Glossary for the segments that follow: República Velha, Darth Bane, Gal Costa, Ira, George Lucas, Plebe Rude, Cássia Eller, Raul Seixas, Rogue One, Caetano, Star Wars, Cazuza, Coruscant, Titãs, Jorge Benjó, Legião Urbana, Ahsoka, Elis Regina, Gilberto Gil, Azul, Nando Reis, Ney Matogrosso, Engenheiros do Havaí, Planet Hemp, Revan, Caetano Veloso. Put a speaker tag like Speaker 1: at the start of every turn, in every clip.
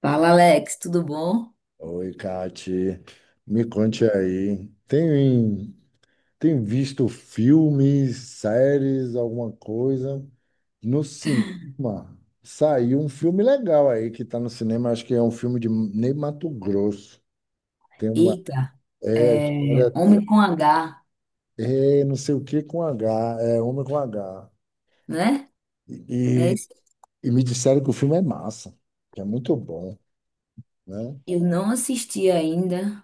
Speaker 1: Fala, Alex, tudo bom?
Speaker 2: Oi, Kati. Me conte aí. Tem visto filmes, séries, alguma coisa? No cinema, saiu um filme legal aí que está no cinema. Acho que é um filme de Ney Matogrosso. Tem uma.
Speaker 1: Eita,
Speaker 2: É, a história
Speaker 1: é,
Speaker 2: dele.
Speaker 1: Homem com H,
Speaker 2: É, não sei o que com H. É, Homem com H.
Speaker 1: né? Não é
Speaker 2: E,
Speaker 1: isso?
Speaker 2: e me disseram que o filme é massa, que é muito bom, né?
Speaker 1: Eu não assisti ainda.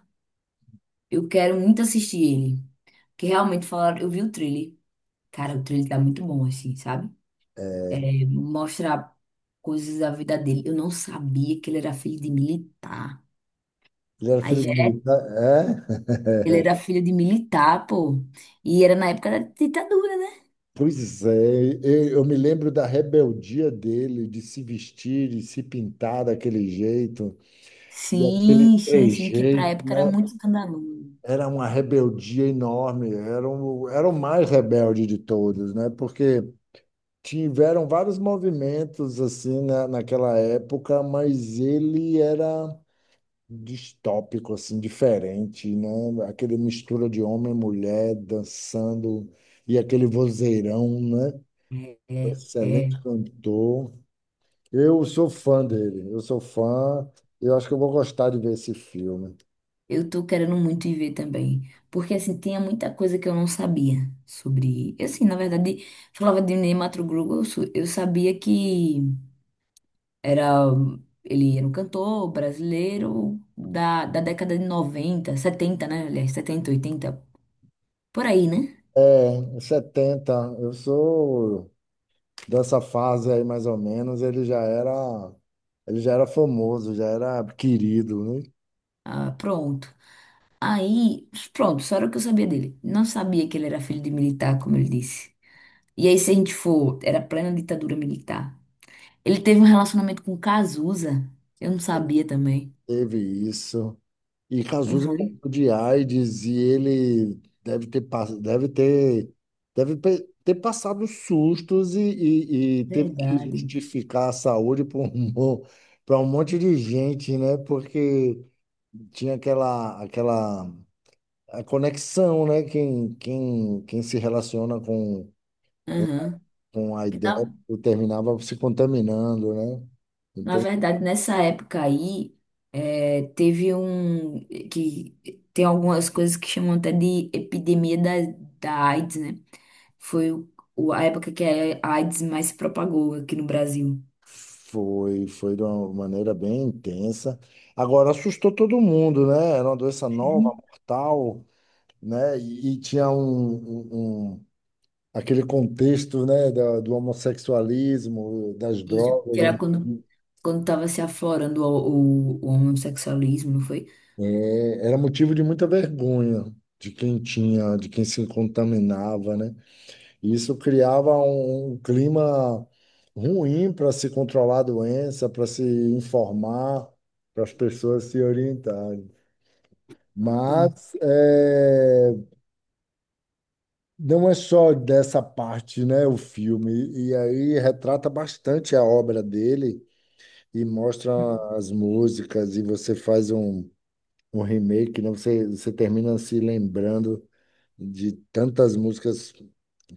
Speaker 1: Eu quero muito assistir ele. Que realmente falaram, eu vi o trailer. Cara, o trailer tá muito bom, assim, sabe? É, mostra coisas da vida dele. Eu não sabia que ele era filho de militar.
Speaker 2: Ele era
Speaker 1: Aí
Speaker 2: filho
Speaker 1: já
Speaker 2: do militar. É?
Speaker 1: ele era filho de militar, pô. E era na época da ditadura, né?
Speaker 2: Pois é, eu me lembro da rebeldia dele de se vestir e se pintar daquele jeito, e aquele
Speaker 1: Sim, sim, sim, que pra
Speaker 2: jeito,
Speaker 1: época era
Speaker 2: né?
Speaker 1: muito escandaloso.
Speaker 2: Era uma rebeldia enorme, era o mais rebelde de todos, né? Porque tiveram vários movimentos assim naquela época, mas ele era distópico, assim, diferente, né? Aquele mistura de homem e mulher dançando e aquele vozeirão, né?
Speaker 1: É,
Speaker 2: Excelente
Speaker 1: é.
Speaker 2: cantor. Eu sou fã dele. Eu sou fã. Eu acho que eu vou gostar de ver esse filme.
Speaker 1: Eu tô querendo muito ir ver também, porque assim, tinha muita coisa que eu não sabia sobre. Eu assim, na verdade, falava de Ney Matogrosso. Eu, eu sabia que era, ele era um cantor brasileiro da década de 90, 70, né, aliás, 70, 80, por aí, né?
Speaker 2: É, 70. Eu sou dessa fase aí, mais ou menos. Ele já era famoso, já era querido, né?
Speaker 1: Ah, pronto. Aí, pronto, só era o que eu sabia dele. Não sabia que ele era filho de militar, como ele disse. E aí, se a gente for, era plena ditadura militar. Ele teve um relacionamento com Cazuza. Eu não sabia também.
Speaker 2: Teve isso. E
Speaker 1: Não
Speaker 2: Cazuza morreu
Speaker 1: foi?
Speaker 2: de AIDS e ele deve ter, deve ter, ter passado sustos e teve que
Speaker 1: Verdade.
Speaker 2: justificar a saúde para um monte de gente, né? Porque tinha aquela a conexão, né? Quem se relaciona com,
Speaker 1: Aham.
Speaker 2: com a
Speaker 1: Que
Speaker 2: ideia
Speaker 1: Na,
Speaker 2: terminava se contaminando, né?
Speaker 1: na
Speaker 2: Então
Speaker 1: verdade, nessa época aí, é, teve um. Que tem algumas coisas que chamam até de epidemia da, da AIDS, né? Foi o, a época que a AIDS mais se propagou aqui no Brasil.
Speaker 2: foi, foi de uma maneira bem intensa. Agora, assustou todo mundo, né? Era uma doença nova,
Speaker 1: Sim.
Speaker 2: mortal, né? E tinha aquele contexto, né, do homossexualismo, das
Speaker 1: Isso, que
Speaker 2: drogas,
Speaker 1: era
Speaker 2: né?
Speaker 1: quando, quando tava se aflorando o homossexualismo, não foi?
Speaker 2: É, era motivo de muita vergonha de quem tinha, de quem se contaminava, né? E isso criava um clima ruim para se controlar a doença, para se informar, para as pessoas se orientarem. Mas é, não é só dessa parte, né, o filme. E aí retrata bastante a obra dele e mostra as músicas e você faz um remake, né? Você termina se lembrando de tantas músicas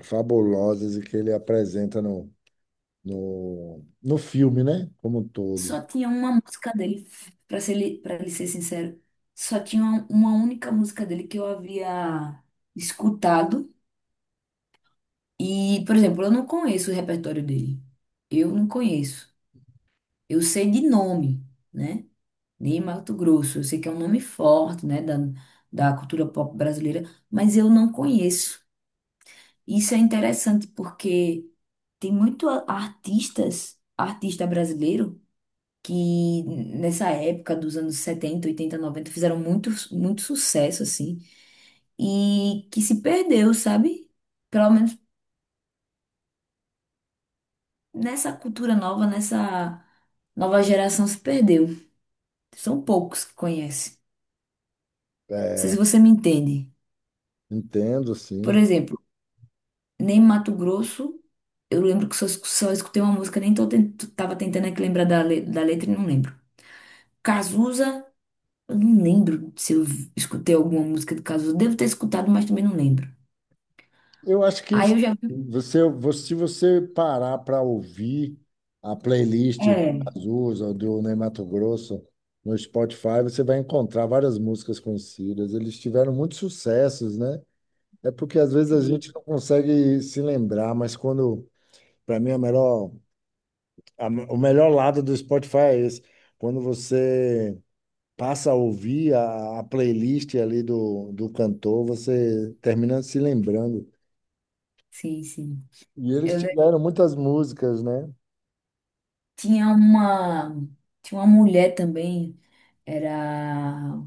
Speaker 2: fabulosas e que ele apresenta no filme, né, como um todo.
Speaker 1: Só tinha uma música dele, pra ser, pra lhe ser sincero. Só tinha uma única música dele que eu havia escutado. E, por exemplo, eu não conheço o repertório dele. Eu não conheço. Eu sei de nome, né? De Mato Grosso. Eu sei que é um nome forte, né? Da, da cultura pop brasileira. Mas eu não conheço. Isso é interessante porque tem muito artistas, artista brasileiro que nessa época dos anos 70, 80, 90 fizeram muito, muito sucesso, assim, e que se perdeu, sabe? Pelo menos nessa cultura nova, nessa nova geração se perdeu. São poucos que conhecem. Não sei se
Speaker 2: É,
Speaker 1: você me entende.
Speaker 2: entendo,
Speaker 1: Por
Speaker 2: sim.
Speaker 1: exemplo, nem Mato Grosso, eu lembro que só, só escutei uma música, nem tô tava tentando aqui lembrar da, da letra e não lembro. Cazuza, eu não lembro se eu escutei alguma música de Cazuza. Devo ter escutado, mas também não lembro.
Speaker 2: Eu acho que
Speaker 1: Aí eu já
Speaker 2: você- se você parar para ouvir a playlist de
Speaker 1: é,
Speaker 2: Azul ou do Ney Mato no Spotify, você vai encontrar várias músicas conhecidas. Eles tiveram muitos sucessos, né? É porque às vezes a gente
Speaker 1: sim,
Speaker 2: não consegue se lembrar, mas quando, para mim, a- o melhor lado do Spotify é esse. Quando você passa a ouvir a playlist ali do cantor, você termina se lembrando.
Speaker 1: sim, sim.
Speaker 2: E eles
Speaker 1: Eu le-
Speaker 2: tiveram muitas músicas, né?
Speaker 1: Tinha uma, tinha uma mulher também, era,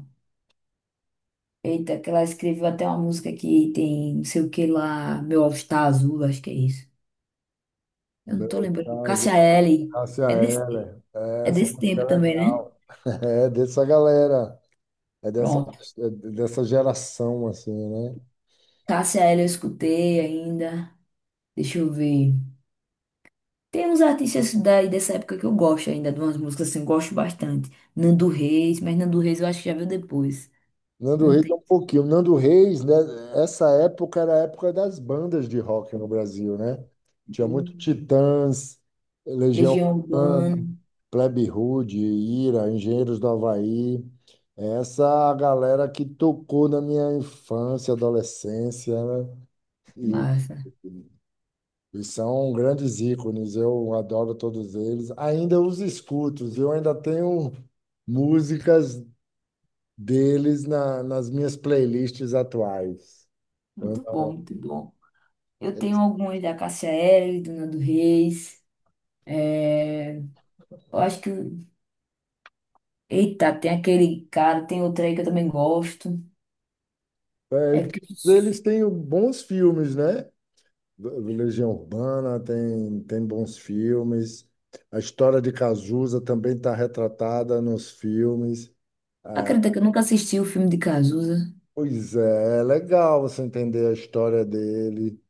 Speaker 1: eita, que ela escreveu até uma música que tem não sei o que lá, Meu All Star Azul, acho que é isso. Eu não tô
Speaker 2: Meu
Speaker 1: lembrando.
Speaker 2: caso,
Speaker 1: Cássia Eller,
Speaker 2: Cássia
Speaker 1: é desse,
Speaker 2: Eller. É,
Speaker 1: é
Speaker 2: essa
Speaker 1: desse
Speaker 2: música é
Speaker 1: tempo também, né?
Speaker 2: legal. É dessa galera, é dessa,
Speaker 1: Pronto.
Speaker 2: é dessa geração, assim, né?
Speaker 1: Cássia Eller eu escutei ainda, deixa eu ver. Tem uns artistas daí dessa época que eu gosto ainda, de umas músicas assim, eu gosto bastante. Nando Reis, mas Nando Reis eu acho que já veio depois.
Speaker 2: Nando
Speaker 1: Não
Speaker 2: Reis é
Speaker 1: tem.
Speaker 2: um pouquinho. Nando Reis, né? Essa época era a época das bandas de rock no Brasil, né? Tinha muito
Speaker 1: Né?
Speaker 2: Titãs, Legião
Speaker 1: Legião Urbana.
Speaker 2: Urbana, Plebe Rude, Ira, Engenheiros do Havaí. Essa galera que tocou na minha infância, adolescência, né? E,
Speaker 1: Massa.
Speaker 2: e são grandes ícones. Eu adoro todos eles. Ainda os escuto. Eu ainda tenho músicas deles nas minhas playlists atuais. Eu
Speaker 1: Muito bom, muito
Speaker 2: não.
Speaker 1: bom. Eu
Speaker 2: É,
Speaker 1: tenho algumas da Cássia Eller, Dona do Nando Reis. É, eu acho que. Eita, tem aquele cara, tem outro aí que eu também gosto. É
Speaker 2: é,
Speaker 1: porque.
Speaker 2: eles têm bons filmes, né? Legião Urbana tem, tem bons filmes. A história de Cazuza também está retratada nos filmes.
Speaker 1: Acredita que eu nunca assisti o filme de Cazuza.
Speaker 2: Pois é, é legal você entender a história dele.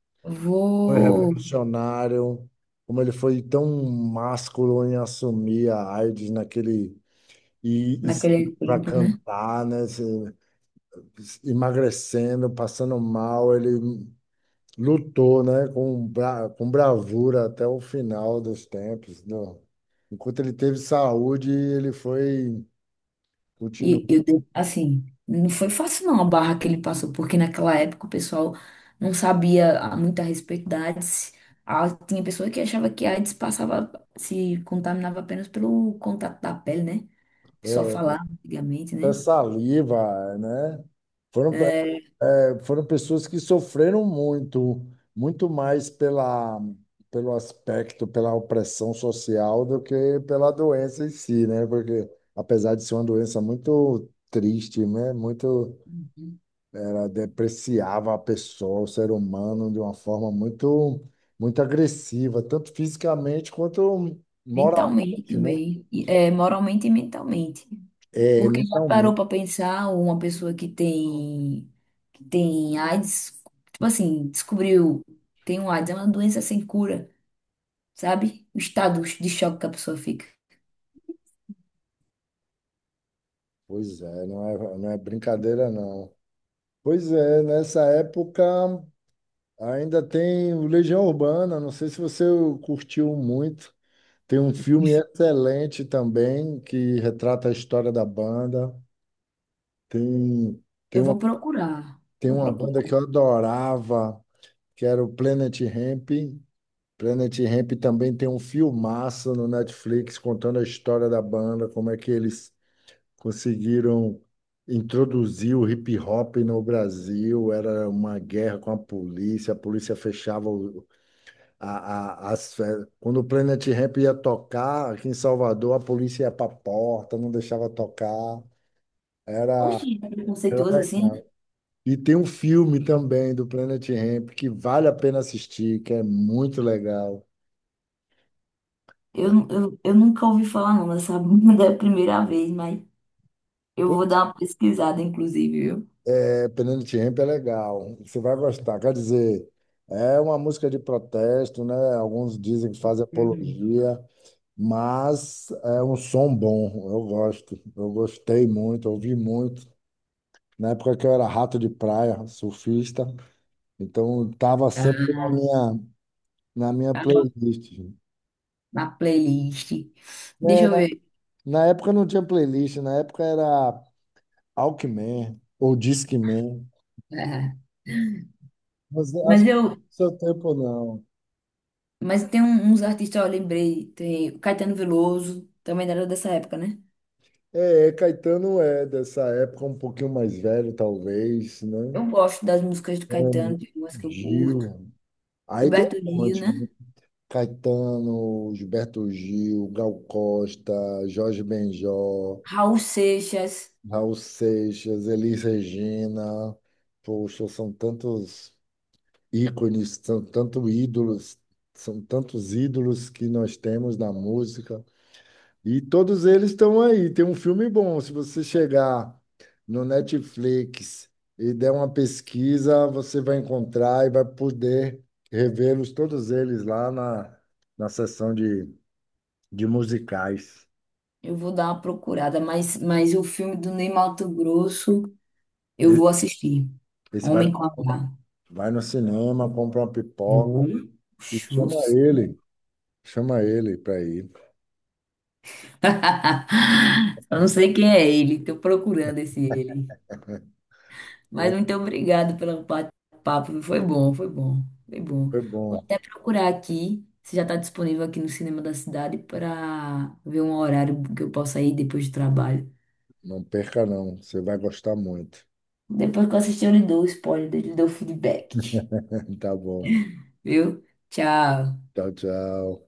Speaker 2: Foi
Speaker 1: Vou.
Speaker 2: revolucionário, como ele foi tão másculo em assumir a AIDS naquele e
Speaker 1: Naquele
Speaker 2: para
Speaker 1: tempo, né?
Speaker 2: cantar, né? Se- emagrecendo, passando mal, ele lutou, né, com bravura até o final dos tempos. Não. Enquanto ele teve saúde, ele foi, continuou,
Speaker 1: E eu, de- assim, não foi fácil não a barra que ele passou, porque naquela época o pessoal não sabia muito a respeito da AIDS. Ah, tinha pessoa que achava que a AIDS passava, se contaminava apenas pelo contato da pele, né? O pessoal
Speaker 2: é,
Speaker 1: falava antigamente,
Speaker 2: até
Speaker 1: né?
Speaker 2: saliva, né? Foram,
Speaker 1: É,
Speaker 2: é, foram pessoas que sofreram muito, muito mais pelo aspecto, pela opressão social do que pela doença em si, né? Porque apesar de ser uma doença muito triste, né? Muito
Speaker 1: uhum.
Speaker 2: ela depreciava a pessoa, o ser humano, de uma forma muito, muito agressiva, tanto fisicamente quanto
Speaker 1: Mentalmente
Speaker 2: moralmente, né?
Speaker 1: também. E, é, moralmente e mentalmente.
Speaker 2: É,
Speaker 1: Porque já parou
Speaker 2: mentalmente.
Speaker 1: para pensar uma pessoa que tem AIDS, tipo assim, descobriu, tem um AIDS, é uma doença sem cura. Sabe? O estado de choque que a pessoa fica.
Speaker 2: Pois é, não é brincadeira, não. Pois é, nessa época ainda tem o Legião Urbana, não sei se você curtiu muito. Tem um filme excelente também que retrata a história da banda. Tem, tem
Speaker 1: Eu
Speaker 2: uma,
Speaker 1: vou procurar,
Speaker 2: tem
Speaker 1: vou
Speaker 2: uma
Speaker 1: procurar.
Speaker 2: banda que eu adorava, que era o Planet Hemp. Planet Hemp também tem um filmaço no Netflix contando a história da banda, como é que eles conseguiram introduzir o hip hop no Brasil. Era uma guerra com a polícia fechava a- as festas. Quando o Planet Hemp ia tocar aqui em Salvador, a polícia ia para a porta, não deixava tocar. Era,
Speaker 1: Oxi, é
Speaker 2: era
Speaker 1: preconceituoso assim? Né?
Speaker 2: legal. E tem um filme também do Planet Hemp que vale a pena assistir, que é muito legal.
Speaker 1: Eu nunca ouvi falar não dessa banda, é a primeira vez, mas eu vou dar uma pesquisada, inclusive, viu?
Speaker 2: É, Penalty Ramp é legal, você vai gostar. Quer dizer, é uma música de protesto, né? Alguns dizem que fazem
Speaker 1: Hum.
Speaker 2: apologia, mas é um som bom, eu gosto. Eu gostei muito, ouvi muito. Na época que eu era rato de praia, surfista, então estava sempre
Speaker 1: Ah,
Speaker 2: na minha
Speaker 1: tá.
Speaker 2: playlist.
Speaker 1: Na playlist. Deixa
Speaker 2: É,
Speaker 1: eu ver.
Speaker 2: na época não tinha playlist, na época era Walkman ou Discman.
Speaker 1: Ah,
Speaker 2: Mas eu acho
Speaker 1: mas
Speaker 2: que não é
Speaker 1: eu,
Speaker 2: do seu tempo, não.
Speaker 1: mas tem uns artistas, eu lembrei, tem o Caetano Veloso, também era dessa época, né?
Speaker 2: É, Caetano é dessa época um pouquinho mais velho, talvez, né?
Speaker 1: Eu gosto das músicas do
Speaker 2: Hum,
Speaker 1: Caetano, tem umas que eu
Speaker 2: Gil.
Speaker 1: curto.
Speaker 2: Aí tem
Speaker 1: Gilberto
Speaker 2: um
Speaker 1: Gil,
Speaker 2: monte,
Speaker 1: né?
Speaker 2: né? Caetano, Gilberto Gil, Gal Costa, Jorge Benjó,
Speaker 1: Raul Seixas,
Speaker 2: Raul Seixas, Elis Regina. Poxa, são tantos ícones, são tantos ídolos que nós temos na música. E todos eles estão aí. Tem um filme bom. Se você chegar no Netflix e der uma pesquisa, você vai encontrar e vai poder revê-los todos eles lá na sessão de musicais.
Speaker 1: eu vou dar uma procurada, mas o filme do Ney Matogrosso eu
Speaker 2: E-
Speaker 1: vou assistir.
Speaker 2: esse vai,
Speaker 1: Homem com H.
Speaker 2: vai no cinema, compra uma pipoca
Speaker 1: Vou.
Speaker 2: e
Speaker 1: Oxe, vou
Speaker 2: chama
Speaker 1: sim.
Speaker 2: ele. Chama ele para ir.
Speaker 1: Eu não sei quem é ele, estou procurando esse ele. Mas muito obrigado pelo papo, foi bom, foi bom, foi bom.
Speaker 2: Foi
Speaker 1: Vou
Speaker 2: bom.
Speaker 1: até procurar aqui, se já está disponível aqui no cinema da cidade, para ver um horário que eu possa ir depois do trabalho.
Speaker 2: Não perca, não. Você vai gostar muito.
Speaker 1: Depois que eu assistir, eu lhe dou o spoiler, eu lhe dou o feedback.
Speaker 2: Tá bom.
Speaker 1: Viu? Tchau.
Speaker 2: Tchau, tchau.